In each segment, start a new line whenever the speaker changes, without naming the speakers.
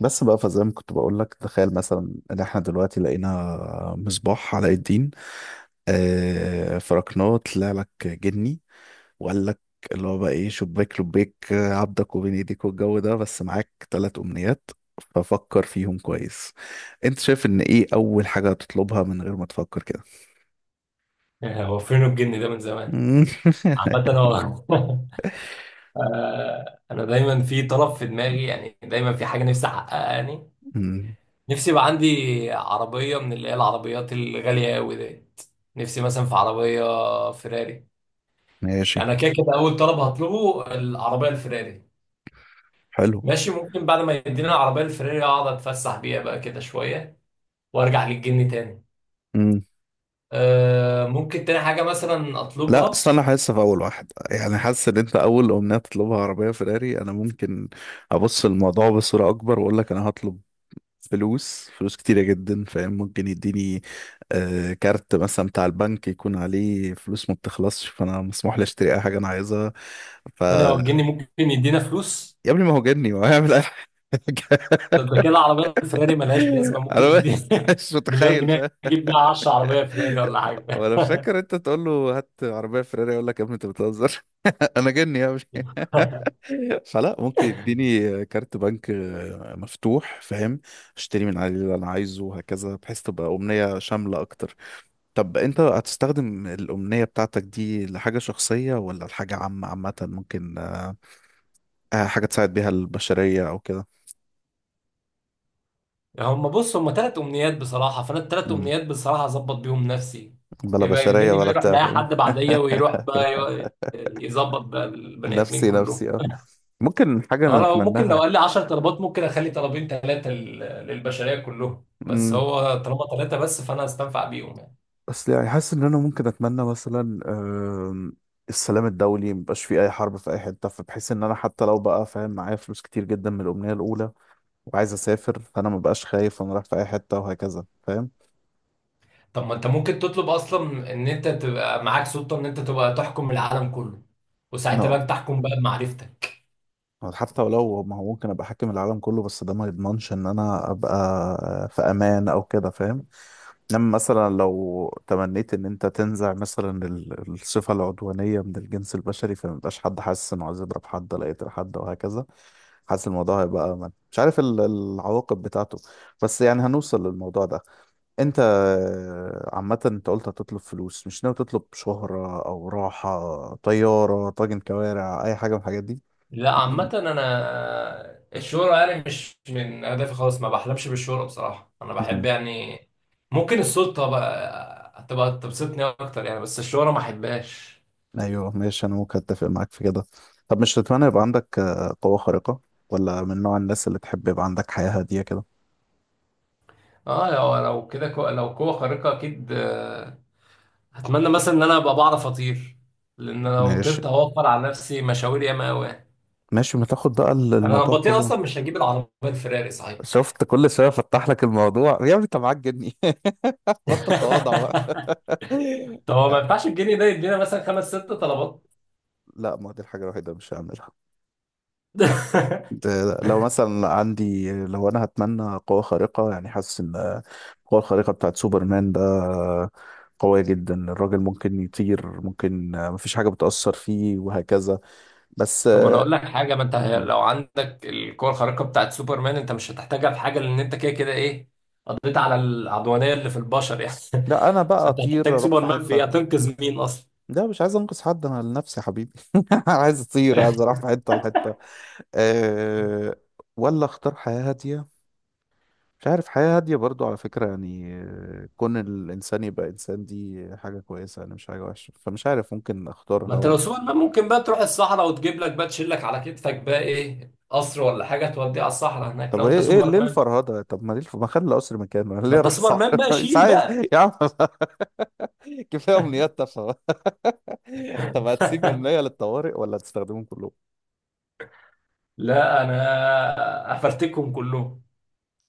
بس بقى فزي ما كنت بقول لك تخيل مثلا ان احنا دلوقتي لقينا مصباح علاء الدين آه فركناه طلع لك جني وقال لك اللي هو بقى ايه شباك لبيك عبدك وبين ايديك والجو ده بس معاك ثلاث امنيات ففكر فيهم كويس. انت شايف ان ايه اول حاجة هتطلبها من غير ما تفكر كده؟
هو فين الجن ده من زمان؟ عامة هو أنا دايما في طلب في دماغي، يعني دايما في حاجة نفسي أحققها يعني.
مم.
نفسي يبقى عندي عربية من اللي هي العربيات الغالية أوي ديت. نفسي مثلا في عربية فيراري.
ماشي.
يعني أنا كده كده أول طلب هطلبه العربية الفيراري.
حلو.
ماشي، ممكن بعد ما يدينا العربية الفيراري أقعد أتفسح بيها بقى كده شوية وأرجع للجن تاني. ممكن تاني حاجة مثلا
لا
أطلبها.
أصل أنا حاسس في أول واحد، يعني حاسس إن أنت أول أمنية تطلبها عربية فيراري. أنا ممكن أبص الموضوع بصورة أكبر وأقول لك أنا هطلب فلوس كتيرة جدا، فاهم؟ ممكن يديني آه كارت مثلا بتاع البنك يكون عليه فلوس ما بتخلصش، فأنا مسموح لي أشتري أي حاجة أنا عايزها. ف
تاني هو الجن ممكن يدينا فلوس؟
يا ابني ما هو جني، ما هو هيعمل أي حاجة.
طب ده كده العربية الفراري ملهاش لازمة، ممكن
أنا
يدي
مش
مليار
متخيل،
جنيه
فاهم؟
يجيب بيها 10 عربية فراري ولا حاجة.
وأنا فاكر أنت تقول له هات عربية فيراري يقول لك يا ابني أنت بتهزر. أنا جني يا ابني، فلا ممكن يديني كارت بنك مفتوح، فاهم؟ اشتري من عليه اللي انا عايزه وهكذا، بحيث تبقى امنية شاملة اكتر. طب انت هتستخدم الامنية بتاعتك دي لحاجة شخصية ولا لحاجة عامة؟ عامة ممكن حاجة تساعد بيها البشرية او كده.
هم بص، هم ثلاث أمنيات بصراحة، فأنا الثلاث
مم.
أمنيات بصراحة أظبط بيهم نفسي.
بلا
يبقى
بشرية
الجني بقى
ولا
يروح
بتاع،
لأي
فاهم؟
حد بعديا، ويروح بقى يظبط بقى البني آدمين
نفسي
كلهم.
نفسي اه ممكن
أه
حاجة
لو ممكن لو
نتمناها.
قال لي 10 طلبات ممكن أخلي طلبين ثلاثة للبشرية كلهم، بس
مم.
هو طالما ثلاثة بس فأنا هستنفع بيهم يعني.
بس يعني حاسس ان انا ممكن اتمنى مثلا آم، السلام الدولي، مبقاش فيه اي حرب في اي حته، فبحيث ان انا حتى لو بقى فاهم معايا فلوس كتير جدا من الامنيه الاولى وعايز اسافر، فانا مبقاش خايف وانا رايح في اي حته وهكذا، فاهم؟
طب ما انت ممكن تطلب اصلا ان انت تبقى معاك سلطه، ان انت تبقى تحكم العالم كله، وساعتها
لا
بقى تحكم بقى بمعرفتك.
حتى ولو، ما هو ممكن ابقى حاكم العالم كله بس ده ما يضمنش ان انا ابقى في امان او كده، فاهم؟ انما مثلا لو تمنيت ان انت تنزع مثلا الصفة العدوانية من الجنس البشري، فما يبقاش حد حاسس انه عايز يضرب حد ولا يقتل حد وهكذا. حاسس الموضوع هيبقى أمن، مش عارف العواقب بتاعته. بس يعني هنوصل للموضوع ده. انت عامة انت قلت هتطلب فلوس، مش ناوي تطلب شهرة او راحة طيارة طاجن كوارع اي حاجة من الحاجات دي؟
لا عامه انا الشهره يعني مش من اهدافي خالص، ما بحلمش بالشهره بصراحه. انا بحب يعني ممكن السلطه بقى هتبقى تبسطني اكتر يعني، بس الشهره ما احبهاش.
ايوه ماشي، انا ممكن اتفق معاك في كده. طب مش تتمنى يبقى عندك قوة خارقة، ولا من نوع الناس اللي تحب يبقى عندك حياة هادية كده؟
اه لو كده لو قوه خارقه اكيد، هتمنى مثلا ان انا ابقى بعرف اطير. لان لو
ماشي
طرت هوفر على نفسي مشاوير ياما قوي.
ماشي، ما تاخد بقى
انا لو
الموضوع
بطير
كله.
اصلا مش هجيب العربيه الفراري صحيح.
شفت كل شوية فتح لك الموضوع؟ يا ابني انت معاك جني، بطل تواضع بقى.
طب هو ما
يعني
ينفعش الجنيه ده يدينا مثلا خمس ست طلبات؟
لا ما دي الحاجة الوحيدة اللي مش هعملها. لو مثلا عندي، لو انا هتمنى قوة خارقة، يعني حاسس ان القوة الخارقة بتاعت سوبرمان ده قوية جدا، الراجل ممكن يطير، ممكن مفيش حاجة بتأثر فيه وهكذا. بس
طب ما انا اقول لك حاجه، ما انت
م.
لو عندك القوه الخارقه بتاعت سوبرمان انت مش هتحتاجها في حاجه، لان انت كده كده ايه، قضيت على العدوانيه اللي في البشر يعني.
لا انا بقى
فانت
اطير
هتحتاج
اروح في
سوبرمان في
حتة.
ايه؟ هتنقذ مين اصلا؟
لا مش عايز انقذ حد، انا لنفسي يا حبيبي. عايز اطير، عايز اروح في حتة لحتة. أه. ولا اختار حياة هادية؟ مش عارف، حياة هادية برضو على فكرة، يعني كون الإنسان يبقى إنسان دي حاجة كويسة يعني، مش حاجة وحشة، فمش عارف ممكن
ما
أختارها
انت لو
ولا.
سوبرمان ممكن بقى تروح الصحراء وتجيب لك بقى، تشيل لك على كتفك بقى ايه، قصر ولا حاجه توديه على الصحراء هناك
طب
لو انت
إيه إيه ليه
سوبرمان.
الفرهدة؟ طب ما ليه ما خلي القصر مكانه. أنا
ما
ليه
انت
أروح، صح؟
سوبرمان بقى
مش
شيل
عايز.
بقى.
يا عم كفاية أمنيات تافهة. طب هتسيب أمنية للطوارئ ولا هتستخدمهم كلهم؟
لا انا افرتكهم كلهم.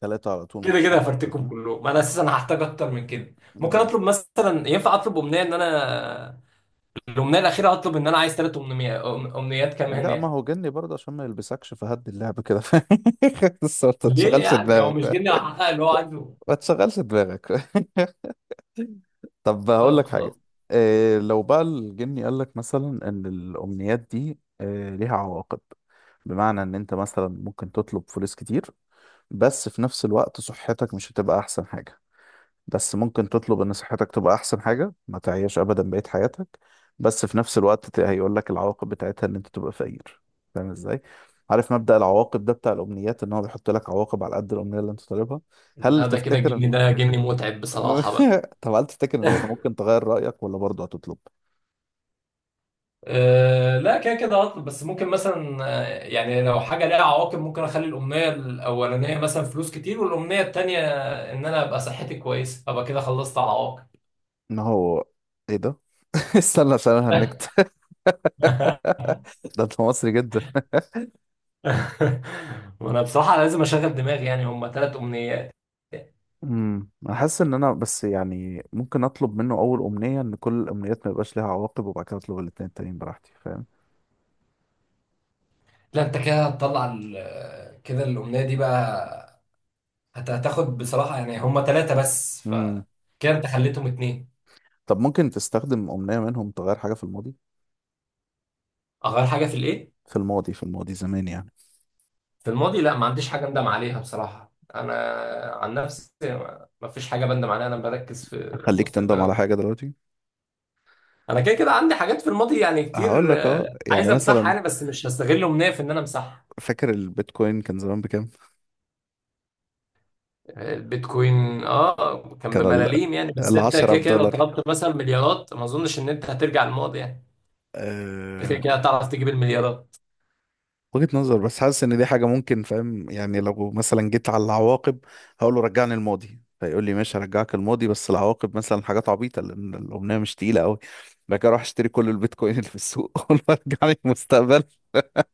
ثلاثة على طول
كده
مفيش
كده
حاجة خالص،
هفرتكم
ها؟
كلهم، انا اساسا هحتاج اكتر من كده. ممكن
مم.
اطلب مثلا، ينفع اطلب امنيه ان انا الامنيه الاخيره اطلب ان انا عايز ثلاث امنيات، امنيات كمان
لا ما
يعني؟
هو جني برضه، عشان ما يلبسكش فهد اللعبة كده. بس ما
ليه
تشغلش
يعني، هو
دماغك
مش
بقى.
جني هحقق اللي هو عايزه؟
ما تشغلش دماغك. طب هقول
طب
لك
خلاص.
حاجة. إيه لو بقى الجني قال لك مثلا ان الامنيات دي إيه ليها عواقب؟ بمعنى ان انت مثلا ممكن تطلب فلوس كتير، بس في نفس الوقت صحتك مش هتبقى احسن حاجة. بس ممكن تطلب ان صحتك تبقى احسن حاجة، ما تعيش ابدا بقية حياتك، بس في نفس الوقت هيقول لك العواقب بتاعتها ان انت تبقى فقير. فاهم ازاي؟ عارف مبدأ العواقب ده بتاع الامنيات، ان هو بيحط لك عواقب على قد الامنية اللي انت طالبها؟ هل
لا ده كده
تفتكر؟
الجني ده جني متعب بصراحه بقى.
طب هل تفتكر ان انت ممكن تغير رأيك ولا برضه هتطلب
أه لا كده كده هطلب، بس ممكن مثلا يعني لو حاجه ليها عواقب ممكن اخلي الامنيه الاولانيه مثلا فلوس كتير، والامنيه التانيه ان انا ابقى صحتي كويسه، ابقى كده خلصت على
ان هو ايه ده؟ استنى عشان انا
العواقب.
هنكت. ده انت مصري جدا.
وانا بصراحة لازم اشغل دماغي، يعني هما ثلاث امنيات.
انا حاسس ان انا بس، يعني ممكن اطلب منه اول امنية ان كل الامنيات ما يبقاش ليها عواقب، وبعد كده اطلب الاتنين التانيين براحتي، فاهم؟
لا انت كده هتطلع كده الامنية دي بقى هتاخد بصراحة، يعني هما ثلاثة بس ف
امم
كده انت خليتهم اتنين.
طب ممكن تستخدم امنية منهم تغير حاجة في الماضي؟
اغير حاجة في الايه؟
في الماضي في الماضي زمان يعني.
في الماضي؟ لا ما عنديش حاجة اندم عليها بصراحة، انا عن نفسي ما فيش حاجة بندم عليها، انا بركز في
اخليك
المستقبل
تندم على
أكتر.
حاجة دلوقتي.
انا كده كده عندي حاجات في الماضي يعني
هقول
كتير،
لك اه
آه،
يعني
عايز امسحها
مثلا،
يعني، بس مش هستغل امنية في ان انا امسحها.
فاكر البيتكوين كان زمان بكام؟
البيتكوين اه كان
كان ال
بملاليم يعني، بس انت
10
كده
في
كده لو
دولار،
طلبت مثلا مليارات ما اظنش ان انت هترجع الماضي يعني. كده
آه،
كده هتعرف تجيب المليارات.
وجهة نظر. بس حاسس ان دي حاجة ممكن، فاهم يعني؟ لو مثلا جيت على العواقب هقول له رجعني الماضي، فيقول لي ماشي هرجعك الماضي بس العواقب مثلا حاجات عبيطة لان الأمنية مش تقيلة قوي. بعد كده اروح اشتري كل البيتكوين اللي في السوق، اقول له رجعني المستقبل.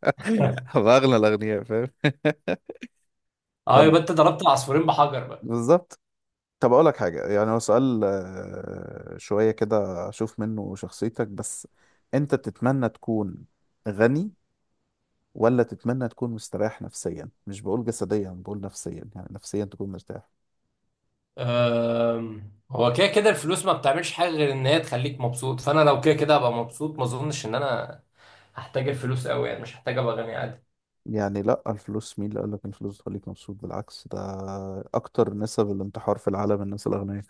هبقى اغنى الاغنياء، فاهم؟
اه
طب.
يبقى انت ضربت العصفورين بحجر بقى.
بالظبط. طب اقول لك حاجة، يعني هو سؤال شوية كده اشوف منه شخصيتك بس. انت تتمنى تكون غني ولا تتمنى تكون مستريح نفسيا؟ مش بقول جسديا، بقول نفسيا، يعني نفسيا تكون مرتاح.
هو كده كده الفلوس ما بتعملش حاجه غير ان هي تخليك مبسوط، فانا لو كده كده هبقى مبسوط ما اظنش ان انا هحتاج الفلوس قوي يعني، مش هحتاج ابقى غني عادي.
يعني لا الفلوس، مين اللي قال لك إن الفلوس بتخليك مبسوط؟ بالعكس ده اكتر نسب الانتحار في العالم الناس الاغنياء.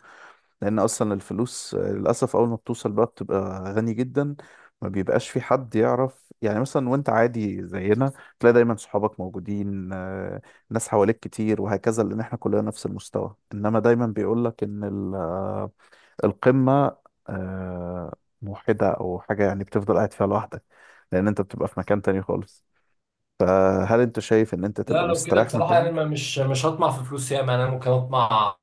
لان اصلا الفلوس للاسف اول ما بتوصل بقى بتبقى غني جدا ما بيبقاش في حد يعرف، يعني مثلا وانت عادي زينا تلاقي دايما صحابك موجودين ناس حواليك كتير وهكذا لان احنا كلنا نفس المستوى، انما دايما بيقول لك ان ال القمة آه، موحدة أو حاجة يعني، بتفضل قاعد فيها لوحدك، لأن أنت بتبقى في مكان تاني خالص. فهل أنت شايف إن أنت
لا
تبقى
لو كده
مستريح
بصراحه
ماديا؟
يعني ما مش هطمع في فلوس ياما يعني، انا ممكن اطمع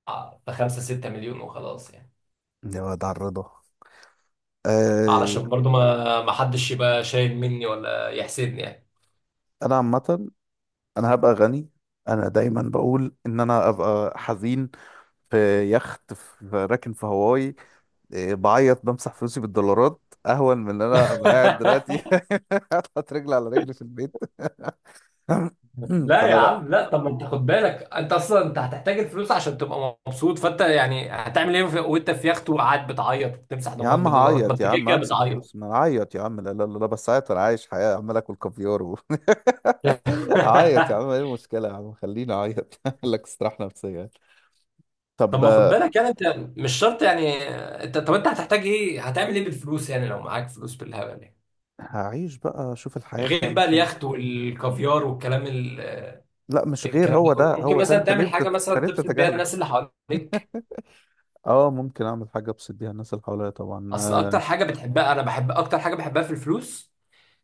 في 5 6 مليون وخلاص يعني.
يا واد على الرضا. آه،
علشان برضو ما حدش يبقى شايل مني ولا يحسدني يعني.
أنا عامة أنا هبقى غني، أنا دايما بقول إن أنا أبقى حزين في يخت، راكن في هواي، إيه، بعيط بمسح فلوسي بالدولارات، أهون من إن أنا أبقى قاعد دلوقتي حاطط رجل على رجل في البيت.
لا يا
فلا لا
عم لا، طب ما انت خد بالك انت اصلا انت هتحتاج الفلوس عشان تبقى مبسوط، فانت يعني هتعمل ايه وانت في يخت وقاعد بتعيط بتمسح
يا
دموعك
عم
بدولارات، ما
هعيط،
انت
يا
كده
عم
كده
امسح
بتعيط.
فلوس ما اعيط، يا عم لا لا لا بس عيط انا عايش حياه عمال اكل كافيار و... اعيط يا عم، ايه المشكله يا عم خليني اعيط. اعمل لك استراحه نفسيه.
طب
طب
ما خد بالك يعني، انت مش شرط يعني، انت طب انت هتحتاج ايه، هتعمل ايه بالفلوس يعني لو معاك فلوس بالهبل يعني،
هعيش بقى اشوف الحياه
غير
بتعمل
بقى
فين.
اليخت والكافيار والكلام ال...
لا مش غير،
الكلام ده
هو
كله
ده
ممكن
هو ده،
مثلا
انت ليه
تعمل حاجه
انت
مثلا
ليه
تبسط بيها
بتتجاهله؟
الناس اللي حواليك.
اه ممكن اعمل حاجه ابسط بيها الناس اللي حواليا طبعا
اصل
آه.
اكتر حاجه بتحبها، انا بحب اكتر حاجه بحبها في الفلوس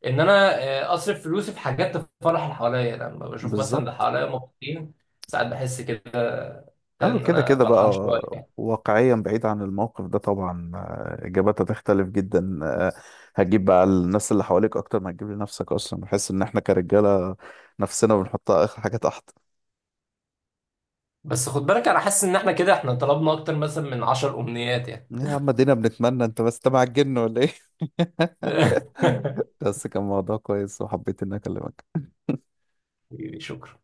ان انا آه، اصرف فلوسي في حاجات تفرح اللي حواليا يعني. لما بشوف مثلا اللي
بالظبط.
حواليا مبسوطين ساعات بحس كده
اه
ان
كده
انا
كده بقى.
فرحان شويه يعني.
واقعيا بعيد عن الموقف ده طبعا، آه، اجاباتها تختلف جدا، آه، هتجيب بقى الناس اللي حواليك اكتر ما هتجيب لنفسك اصلا، بحس ان احنا كرجاله نفسنا بنحطها اخر حاجه تحت.
بس خد بالك انا حاسس ان احنا كده احنا طلبنا اكتر مثلا من 10 امنيات يعني.
يا عم دينا بنتمنى انت بس تبع الجن ولا ايه؟ بس كان موضوع كويس وحبيت اني اكلمك.
شكرا